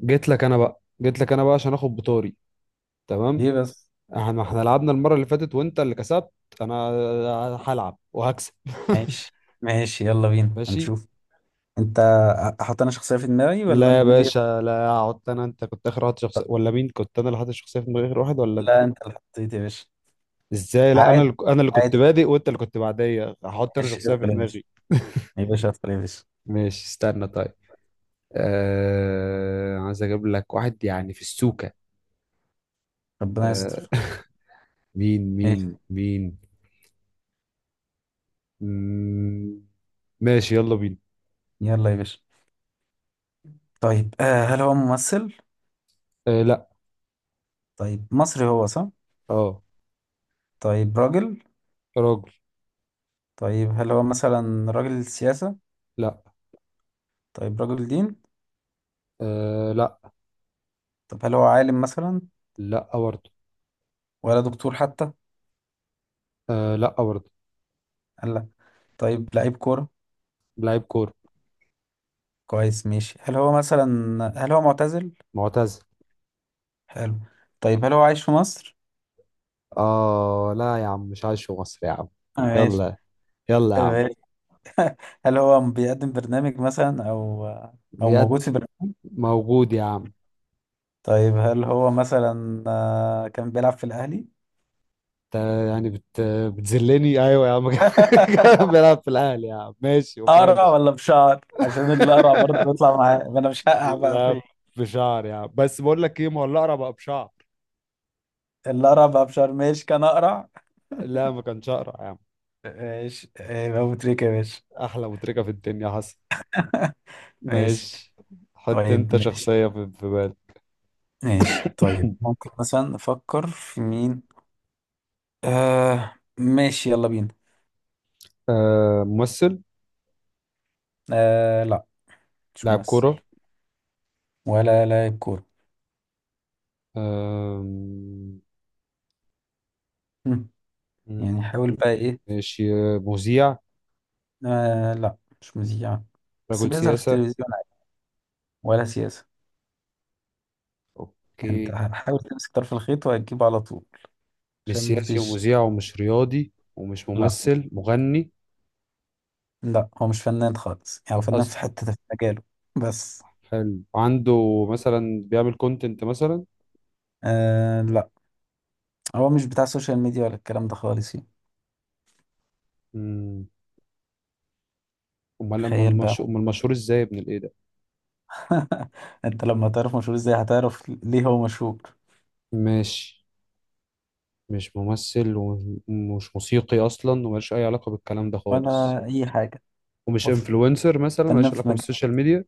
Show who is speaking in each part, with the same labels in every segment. Speaker 1: جيت لك انا بقى عشان اخد بطاري. تمام.
Speaker 2: ليه بس؟
Speaker 1: احنا ما احنا لعبنا المره اللي فاتت وانت اللي كسبت. انا هلعب وهكسب.
Speaker 2: ماشي ماشي، يلا بينا
Speaker 1: ماشي.
Speaker 2: هنشوف. انت، احط انا شخصية في دماغي ولا
Speaker 1: لا
Speaker 2: انت
Speaker 1: يا
Speaker 2: مين اللي
Speaker 1: باشا، لا، قعدت انا. انت كنت اخر واحد شخصيه
Speaker 2: يبدأ؟
Speaker 1: ولا مين؟ كنت انا اللي حاطط شخصيه في دماغي اخر واحد ولا انت؟
Speaker 2: لا انت اللي حطيت يا باشا.
Speaker 1: ازاي؟ لا، انا
Speaker 2: عادي
Speaker 1: اللي... انا اللي كنت
Speaker 2: عادي،
Speaker 1: بادئ وانت اللي كنت بعديا، هحط انا
Speaker 2: ماشي
Speaker 1: شخصيه في
Speaker 2: ادخل يا باشا.
Speaker 1: دماغي.
Speaker 2: يا باشا ادخل يا باشا.
Speaker 1: ماشي استنى طيب. عايز اجيب لك واحد يعني في السوكه.
Speaker 2: ربنا
Speaker 1: آه...
Speaker 2: يستر.
Speaker 1: مين
Speaker 2: ماشي.
Speaker 1: مين مين؟ مم... ماشي يلا بينا.
Speaker 2: يلا يا باشا. طيب هل هو ممثل؟
Speaker 1: آه لا.
Speaker 2: طيب مصري هو صح؟
Speaker 1: اه
Speaker 2: طيب راجل؟
Speaker 1: راجل.
Speaker 2: طيب هل هو مثلا راجل سياسة؟
Speaker 1: لا.
Speaker 2: طيب راجل دين؟
Speaker 1: آه لا.
Speaker 2: طب هل هو عالم مثلا؟
Speaker 1: لا برضه.
Speaker 2: ولا دكتور حتى؟
Speaker 1: آه لا برضه.
Speaker 2: لا. طيب لعيب كورة؟
Speaker 1: لعيب كورة.
Speaker 2: كويس ماشي. هل هو معتزل؟
Speaker 1: معتزل.
Speaker 2: حلو. طيب هل هو عايش في مصر؟
Speaker 1: اه لا يا عم، مش عايش في مصر يا عم.
Speaker 2: ماشي.
Speaker 1: يلا. يلا يا عم.
Speaker 2: طيب، هل هو بيقدم برنامج مثلا أو
Speaker 1: بجد.
Speaker 2: موجود في برنامج؟
Speaker 1: موجود يا عم.
Speaker 2: طيب هل هو مثلا، كان بيلعب في الأهلي؟
Speaker 1: انت يعني بتذلني، ايوه يا عم. كان بيلعب في الاهلي يا عم، ماشي
Speaker 2: قرع
Speaker 1: وماله.
Speaker 2: ولا بشعر؟ عشان الأقرع برضه بيطلع معاه، ما أنا مش هقع بقى في
Speaker 1: لا. بشعر يا عم، بس بقول لك ايه، ما هو الاقرع بقى بشعر.
Speaker 2: الأقرع بقى بشعر. ماشي كان أقرع.
Speaker 1: لا ما كانش اقرع يا عم.
Speaker 2: ماشي إيه، يبقى أبو تريكة يا باشا.
Speaker 1: احلى متركه في الدنيا حصل.
Speaker 2: ماشي.
Speaker 1: ماشي. حط
Speaker 2: طيب
Speaker 1: انت
Speaker 2: ماشي
Speaker 1: شخصيه في بالك.
Speaker 2: ماشي، طيب ممكن مثلا نفكر في مين؟ آه ماشي يلا بينا.
Speaker 1: آه ممثل.
Speaker 2: آه لا، مش
Speaker 1: لاعب
Speaker 2: ممثل.
Speaker 1: كورة.
Speaker 2: ولا لاعب كورة.
Speaker 1: آم،
Speaker 2: مم.
Speaker 1: مم،
Speaker 2: يعني حاول بقى ايه.
Speaker 1: ماشي. مذيع.
Speaker 2: آه لا، مش مذيع. بس
Speaker 1: رجل
Speaker 2: بيظهر في
Speaker 1: سياسة.
Speaker 2: التلفزيون عادي، ولا سياسة. يعني انت
Speaker 1: اوكي.
Speaker 2: حاول تمسك طرف الخيط وهتجيبه على طول.
Speaker 1: مش
Speaker 2: عشان
Speaker 1: سياسي
Speaker 2: مفيش.
Speaker 1: ومذيع ومش رياضي ومش
Speaker 2: لا
Speaker 1: ممثل مغني
Speaker 2: لا، هو مش فنان خالص، يعني هو فنان في
Speaker 1: اصلا.
Speaker 2: حتة في مجاله بس.
Speaker 1: حلو عنده. مثلا بيعمل كونتنت مثلا.
Speaker 2: آه لا، هو مش بتاع السوشيال ميديا ولا الكلام ده خالص يعني.
Speaker 1: مم، امال امال
Speaker 2: تخيل بقى.
Speaker 1: المش... امال مشهور ازاي يا ابن الايه ده؟
Speaker 2: انت لما تعرف مشهور ازاي هتعرف ليه هو مشهور.
Speaker 1: ماشي. مش ممثل ومش موسيقي اصلا ومالش اي علاقة بالكلام ده خالص.
Speaker 2: ولا اي حاجة.
Speaker 1: ومش
Speaker 2: هو
Speaker 1: انفلونسر مثلا،
Speaker 2: فنان
Speaker 1: مالش
Speaker 2: في
Speaker 1: علاقة
Speaker 2: مجاله.
Speaker 1: بالسوشيال ميديا.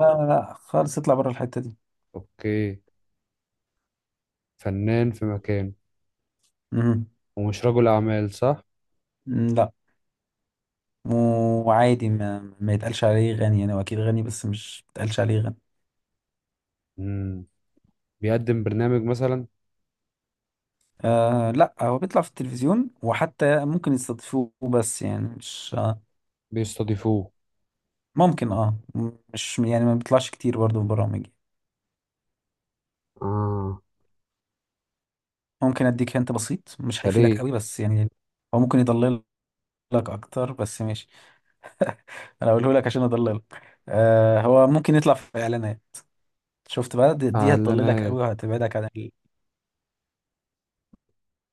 Speaker 2: لا لا لا، خالص اطلع بره الحتة دي.
Speaker 1: اوكي. فنان في مكان.
Speaker 2: مم.
Speaker 1: ومش رجل أعمال صح؟
Speaker 2: لا. وعادي ما يتقالش عليه غني، يعني هو اكيد غني بس مش يتقالش عليه غني.
Speaker 1: مم. بيقدم برنامج مثلا.
Speaker 2: آه لا، هو بيطلع في التلفزيون وحتى ممكن يستضيفوه، بس يعني مش
Speaker 1: بيستضيفوه.
Speaker 2: ممكن مش يعني ما بيطلعش كتير برضه في برامج.
Speaker 1: آه،
Speaker 2: ممكن اديك انت بسيط مش
Speaker 1: يا
Speaker 2: هيفيدك
Speaker 1: ريت.
Speaker 2: قوي بس يعني، هو ممكن يضللك اكتر بس ماشي. انا اقوله لك عشان اضللك. هو ممكن يطلع في اعلانات. شفت بقى، دي هتضللك قوي
Speaker 1: إعلانات.
Speaker 2: وهتبعدك عن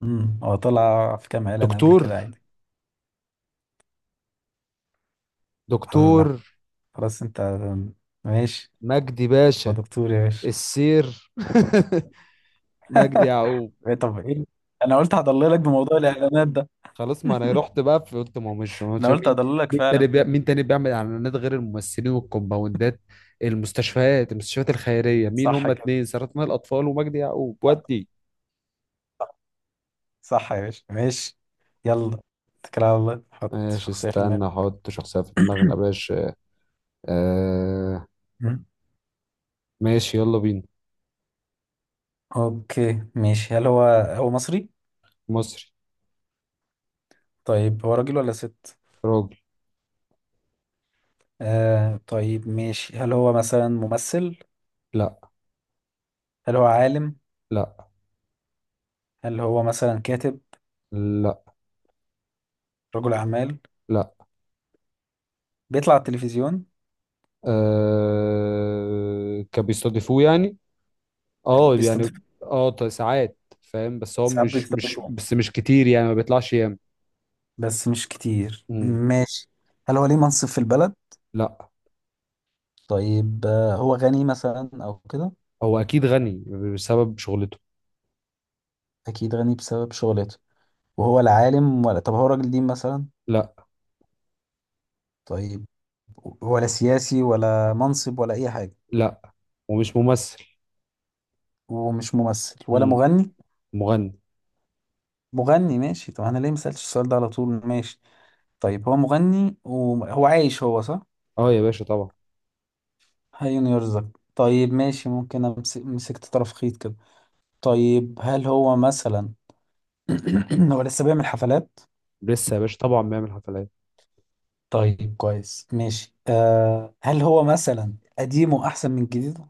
Speaker 2: هو طلع في كام اعلان قبل
Speaker 1: دكتور.
Speaker 2: كده عادي. على.
Speaker 1: دكتور
Speaker 2: خلاص انت. ماشي.
Speaker 1: مجدي
Speaker 2: هو
Speaker 1: باشا.
Speaker 2: دكتور يا باشا.
Speaker 1: السير مجدي يعقوب.
Speaker 2: ايه طب ايه. انا قلت هضللك بموضوع الاعلانات ده.
Speaker 1: خلاص، ما أنا رحت بقى في، قلت، ما هو مش ما هو مش-
Speaker 2: انا قلت
Speaker 1: مين؟
Speaker 2: هضللك فعلا فيه.
Speaker 1: مين تاني بيعمل إعلانات غير الممثلين والكومباوندات؟ المستشفيات الخيرية. مين
Speaker 2: صح
Speaker 1: هما؟
Speaker 2: كده.
Speaker 1: اتنين: سرطان الأطفال ومجدي يعقوب، ودي.
Speaker 2: صح يا باشا ماشي. يلا اتكل على الله، حط
Speaker 1: ماشي،
Speaker 2: شخصية في دماغك.
Speaker 1: استنى أحط شخصية في دماغنا يا باشا. آه.
Speaker 2: مم.
Speaker 1: ماشي يلا بينا.
Speaker 2: اوكي ماشي، هل هو هو مصري.
Speaker 1: مصري.
Speaker 2: طيب هو راجل ولا ست.
Speaker 1: راجل.
Speaker 2: طيب ماشي، هل هو مثلا ممثل؟
Speaker 1: لا.
Speaker 2: هل هو عالم؟
Speaker 1: لا.
Speaker 2: هل هو مثلا كاتب؟
Speaker 1: لا.
Speaker 2: رجل اعمال؟
Speaker 1: لا.
Speaker 2: بيطلع على التلفزيون؟
Speaker 1: كان بيستضيفوه يعني. اه
Speaker 2: بيستضيف
Speaker 1: يعني. اه، ساعات فاهم، بس هو
Speaker 2: ساعات
Speaker 1: مش
Speaker 2: بيستضيف
Speaker 1: بس مش كتير يعني، ما بيطلعش ياما.
Speaker 2: بس مش كتير،
Speaker 1: مم.
Speaker 2: ماشي. هل هو ليه منصب في البلد؟
Speaker 1: لا.
Speaker 2: طيب هو غني مثلا او كده؟
Speaker 1: هو اكيد غني بسبب شغلته.
Speaker 2: اكيد غني بسبب شغلته. وهو لا عالم ولا، طب هو راجل دين مثلا؟
Speaker 1: لا.
Speaker 2: طيب. ولا سياسي ولا منصب ولا اي حاجه.
Speaker 1: لا. ومش ممثل.
Speaker 2: ومش ممثل ولا
Speaker 1: مم.
Speaker 2: مغني.
Speaker 1: مغني.
Speaker 2: مغني، ماشي. طب انا ليه ما سالتش السؤال ده على طول؟ ماشي. طيب هو مغني وهو عايش هو صح؟
Speaker 1: اه يا باشا طبعا.
Speaker 2: هيون يرزق. طيب ماشي، ممكن مسكت طرف خيط كده. طيب هل هو مثلا، هو لسه بيعمل حفلات؟
Speaker 1: لسه يا باشا طبعا بيعمل حفلات.
Speaker 2: طيب كويس ماشي. هل هو مثلا قديمه احسن من جديده؟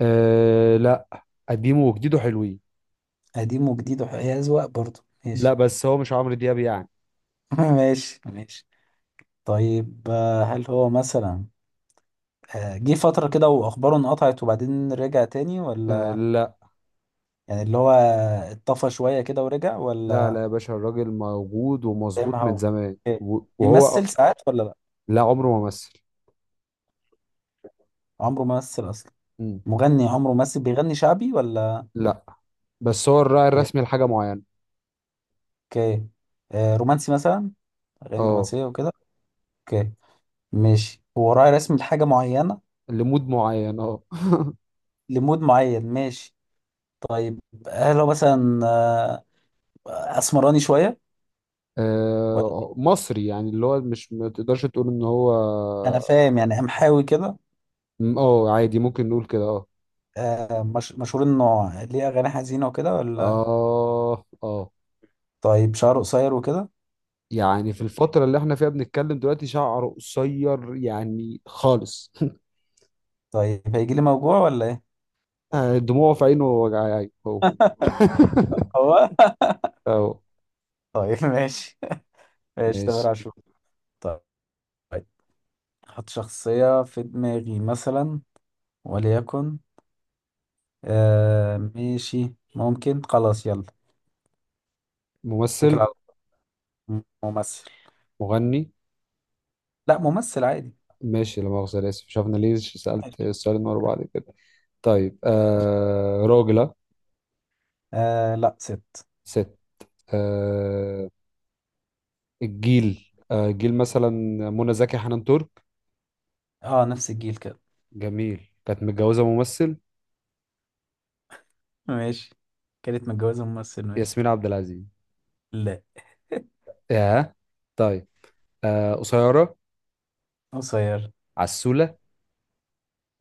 Speaker 1: آه لا. قديمه وجديده حلوين.
Speaker 2: قديمه وجديده، هي اذواق برضه،
Speaker 1: لا،
Speaker 2: ماشي.
Speaker 1: بس هو مش عمرو دياب يعني.
Speaker 2: ماشي ماشي. طيب هل هو مثلا جه فترة كده واخباره انقطعت وبعدين رجع تاني
Speaker 1: آه
Speaker 2: ولا؟
Speaker 1: لا.
Speaker 2: يعني اللي هو اتطفى شوية كده ورجع
Speaker 1: لا
Speaker 2: ولا؟
Speaker 1: لا يا باشا، الراجل موجود
Speaker 2: زي ما
Speaker 1: ومظبوط من
Speaker 2: هو.
Speaker 1: زمان وهو.
Speaker 2: بيمثل ساعات ولا لا؟
Speaker 1: لا عمره ما مثل.
Speaker 2: عمره ما مثل اصلا.
Speaker 1: مم.
Speaker 2: مغني عمره ما مثل، بيغني شعبي ولا؟
Speaker 1: لا، بس هو الراعي
Speaker 2: بيغني.
Speaker 1: الرسمي لحاجة معينة.
Speaker 2: اوكي. رومانسي مثلا، اغاني
Speaker 1: اه.
Speaker 2: رومانسية وكده. اوكي ماشي، هو راعي رسم لحاجة معينة،
Speaker 1: لمود معين، اه.
Speaker 2: لمود معين، ماشي. طيب هل هو مثلا اسمراني شويه ولا؟
Speaker 1: مصري يعني، اللي هو مش، ما تقدرش تقول ان هو.
Speaker 2: انا فاهم، يعني قمحاوي كده.
Speaker 1: اه عادي، ممكن نقول كده، اه.
Speaker 2: مش مشهور انه ليه اغاني حزينه وكده ولا؟
Speaker 1: اه. اه
Speaker 2: طيب شعره قصير وكده؟
Speaker 1: يعني، في الفترة اللي احنا فيها بنتكلم دلوقتي شعره قصير يعني خالص.
Speaker 2: طيب هيجي لي موجوع ولا ايه؟
Speaker 1: دموعه في عينه وجع، ايوه هو.
Speaker 2: هو.
Speaker 1: اه.
Speaker 2: طيب ماشي، ماشي تامر
Speaker 1: ماشي
Speaker 2: عاشور. طيب هحط شخصيه في دماغي مثلا، وليكن. ماشي، ممكن، خلاص يلا، اتكل
Speaker 1: ممثل.
Speaker 2: على الله. ممثل؟
Speaker 1: مغني.
Speaker 2: لا، ممثل عادي.
Speaker 1: ماشي، لا مؤاخذة، أنا آسف مش عارف أنا ليه سألت
Speaker 2: ماشي.
Speaker 1: السؤالين ورا بعض كده. طيب راجلة.
Speaker 2: آه لا، ست.
Speaker 1: ست. آه الجيل جيل مثلا منى زكي حنان ترك.
Speaker 2: اه نفس الجيل كده،
Speaker 1: جميل. كانت متجوزة ممثل.
Speaker 2: ماشي. كانت متجوزة ممثل، ماشي.
Speaker 1: ياسمين عبد العزيز.
Speaker 2: لا.
Speaker 1: آه طيب. قصيرة.
Speaker 2: قصير.
Speaker 1: عسولة.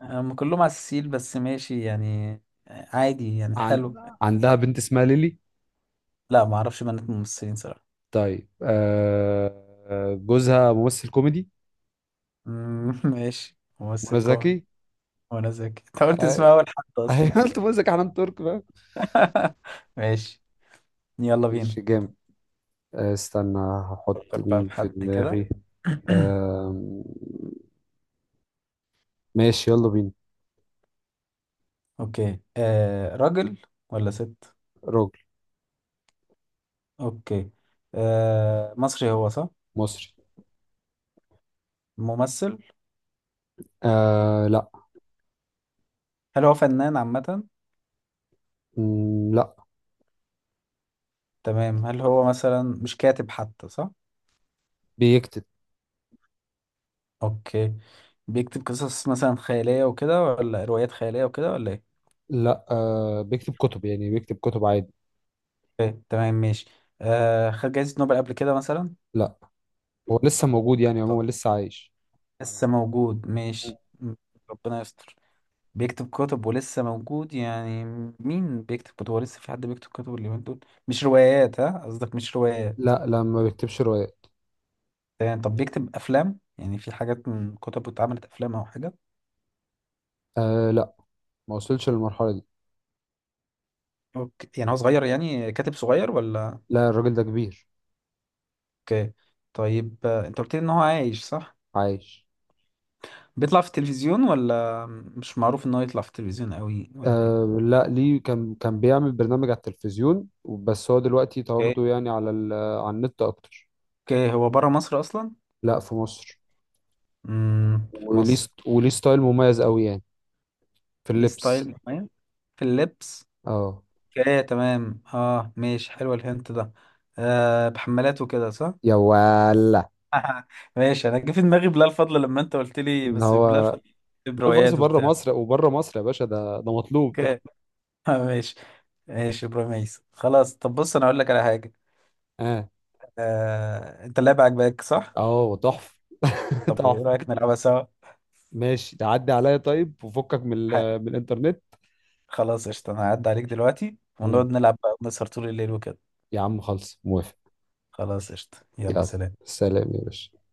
Speaker 2: هم كلهم عساسيل بس ماشي يعني، عادي، يعني
Speaker 1: عن...
Speaker 2: حلو.
Speaker 1: عندها بنت اسمها ليلي.
Speaker 2: لا ما اعرفش بنات ممثلين صراحة.
Speaker 1: طيب. جوزها ممثل كوميدي.
Speaker 2: مم، ماشي،
Speaker 1: منى
Speaker 2: ممثل كوميدي.
Speaker 1: زكي.
Speaker 2: وانا ذكي، انت قلت
Speaker 1: آه.
Speaker 2: اسمها اول حد
Speaker 1: أيوة،
Speaker 2: اصلا.
Speaker 1: قلت منى زكي حنان ترك بقى.
Speaker 2: ماشي، يلا بينا.
Speaker 1: ماشي جامد. استنى هحط
Speaker 2: فكر بقى
Speaker 1: مين
Speaker 2: في
Speaker 1: في
Speaker 2: حد كده.
Speaker 1: دماغي. آم، ماشي يلا بينا.
Speaker 2: اوكي راجل ولا ست؟
Speaker 1: راجل.
Speaker 2: اوكي. مصري هو صح؟
Speaker 1: مصري.
Speaker 2: ممثل؟
Speaker 1: آه لا.
Speaker 2: هل هو فنان عامة؟
Speaker 1: لا.
Speaker 2: تمام، هل هو مثلا، مش كاتب حتى صح؟
Speaker 1: بيكتب.
Speaker 2: اوكي، بيكتب قصص مثلا خيالية وكده ولا روايات خيالية وكده ولا ايه؟
Speaker 1: لا، بيكتب كتب يعني، بيكتب كتب عادي.
Speaker 2: اوكي تمام ماشي. خد جايزة نوبل قبل كده مثلا؟
Speaker 1: لا. هو لسه موجود يعني،
Speaker 2: صح.
Speaker 1: عموما لسه عايش.
Speaker 2: لسه موجود،
Speaker 1: مم.
Speaker 2: ماشي ربنا يستر. بيكتب كتب ولسه موجود يعني. مين بيكتب كتب؟ ولسه في حد بيكتب كتب اليومين دول؟ مش روايات، ها؟ قصدك مش روايات؟
Speaker 1: لا. لا ما بيكتبش روايات.
Speaker 2: تمام، طب بيكتب افلام يعني؟ في حاجات من كتب اتعملت افلام او حاجه؟
Speaker 1: آه لا. ما وصلش للمرحلة دي.
Speaker 2: اوكي، يعني هو صغير، يعني كاتب صغير ولا؟
Speaker 1: لا الراجل ده كبير.
Speaker 2: اوكي. طيب انت قلت لي ان هو عايش صح؟
Speaker 1: عايش.
Speaker 2: بيطلع في التلفزيون ولا مش معروف ان هو يطلع في التلفزيون قوي ولا ايه؟
Speaker 1: لا ليه، كان بيعمل برنامج على التلفزيون، بس هو دلوقتي
Speaker 2: اوكي.
Speaker 1: تواجده يعني على على النت اكتر.
Speaker 2: اوكي، هو بره مصر اصلا؟
Speaker 1: لا في مصر.
Speaker 2: في مصر.
Speaker 1: وليه ستايل مميز قوي يعني في
Speaker 2: ليه
Speaker 1: اللبس.
Speaker 2: ستايل معين في اللبس؟
Speaker 1: اه
Speaker 2: اوكي تمام، ماشي، حلو الهنت ده. بحمالات وكده صح؟
Speaker 1: يا ولا.
Speaker 2: ماشي، انا جه في دماغي بلال الفضل لما انت قلت لي،
Speaker 1: ان
Speaker 2: بس بلال
Speaker 1: هو
Speaker 2: الفضل في
Speaker 1: ده الفايس،
Speaker 2: بروايات
Speaker 1: بره
Speaker 2: وبتاع.
Speaker 1: مصر، وبره مصر يا باشا، ده مطلوب ده.
Speaker 2: اوكي. ماشي، ماشي ابراهيم عيسى خلاص. طب بص، انا اقول لك على حاجه.
Speaker 1: اه.
Speaker 2: انت اللعبه عجباك صح؟
Speaker 1: اه تحفه.
Speaker 2: طب ايه
Speaker 1: تحفه.
Speaker 2: رأيك نلعبها سوا؟
Speaker 1: ماشي، تعدي عليا طيب وفكك من
Speaker 2: ح-
Speaker 1: من الانترنت.
Speaker 2: خلاص قشطة، انا هعدي عليك دلوقتي
Speaker 1: مم.
Speaker 2: ونقعد نلعب بقى ونسهر طول الليل وكده.
Speaker 1: يا عم خلص، موافق.
Speaker 2: خلاص قشطة، يلا
Speaker 1: يلا
Speaker 2: سلام.
Speaker 1: سلام يا باشا.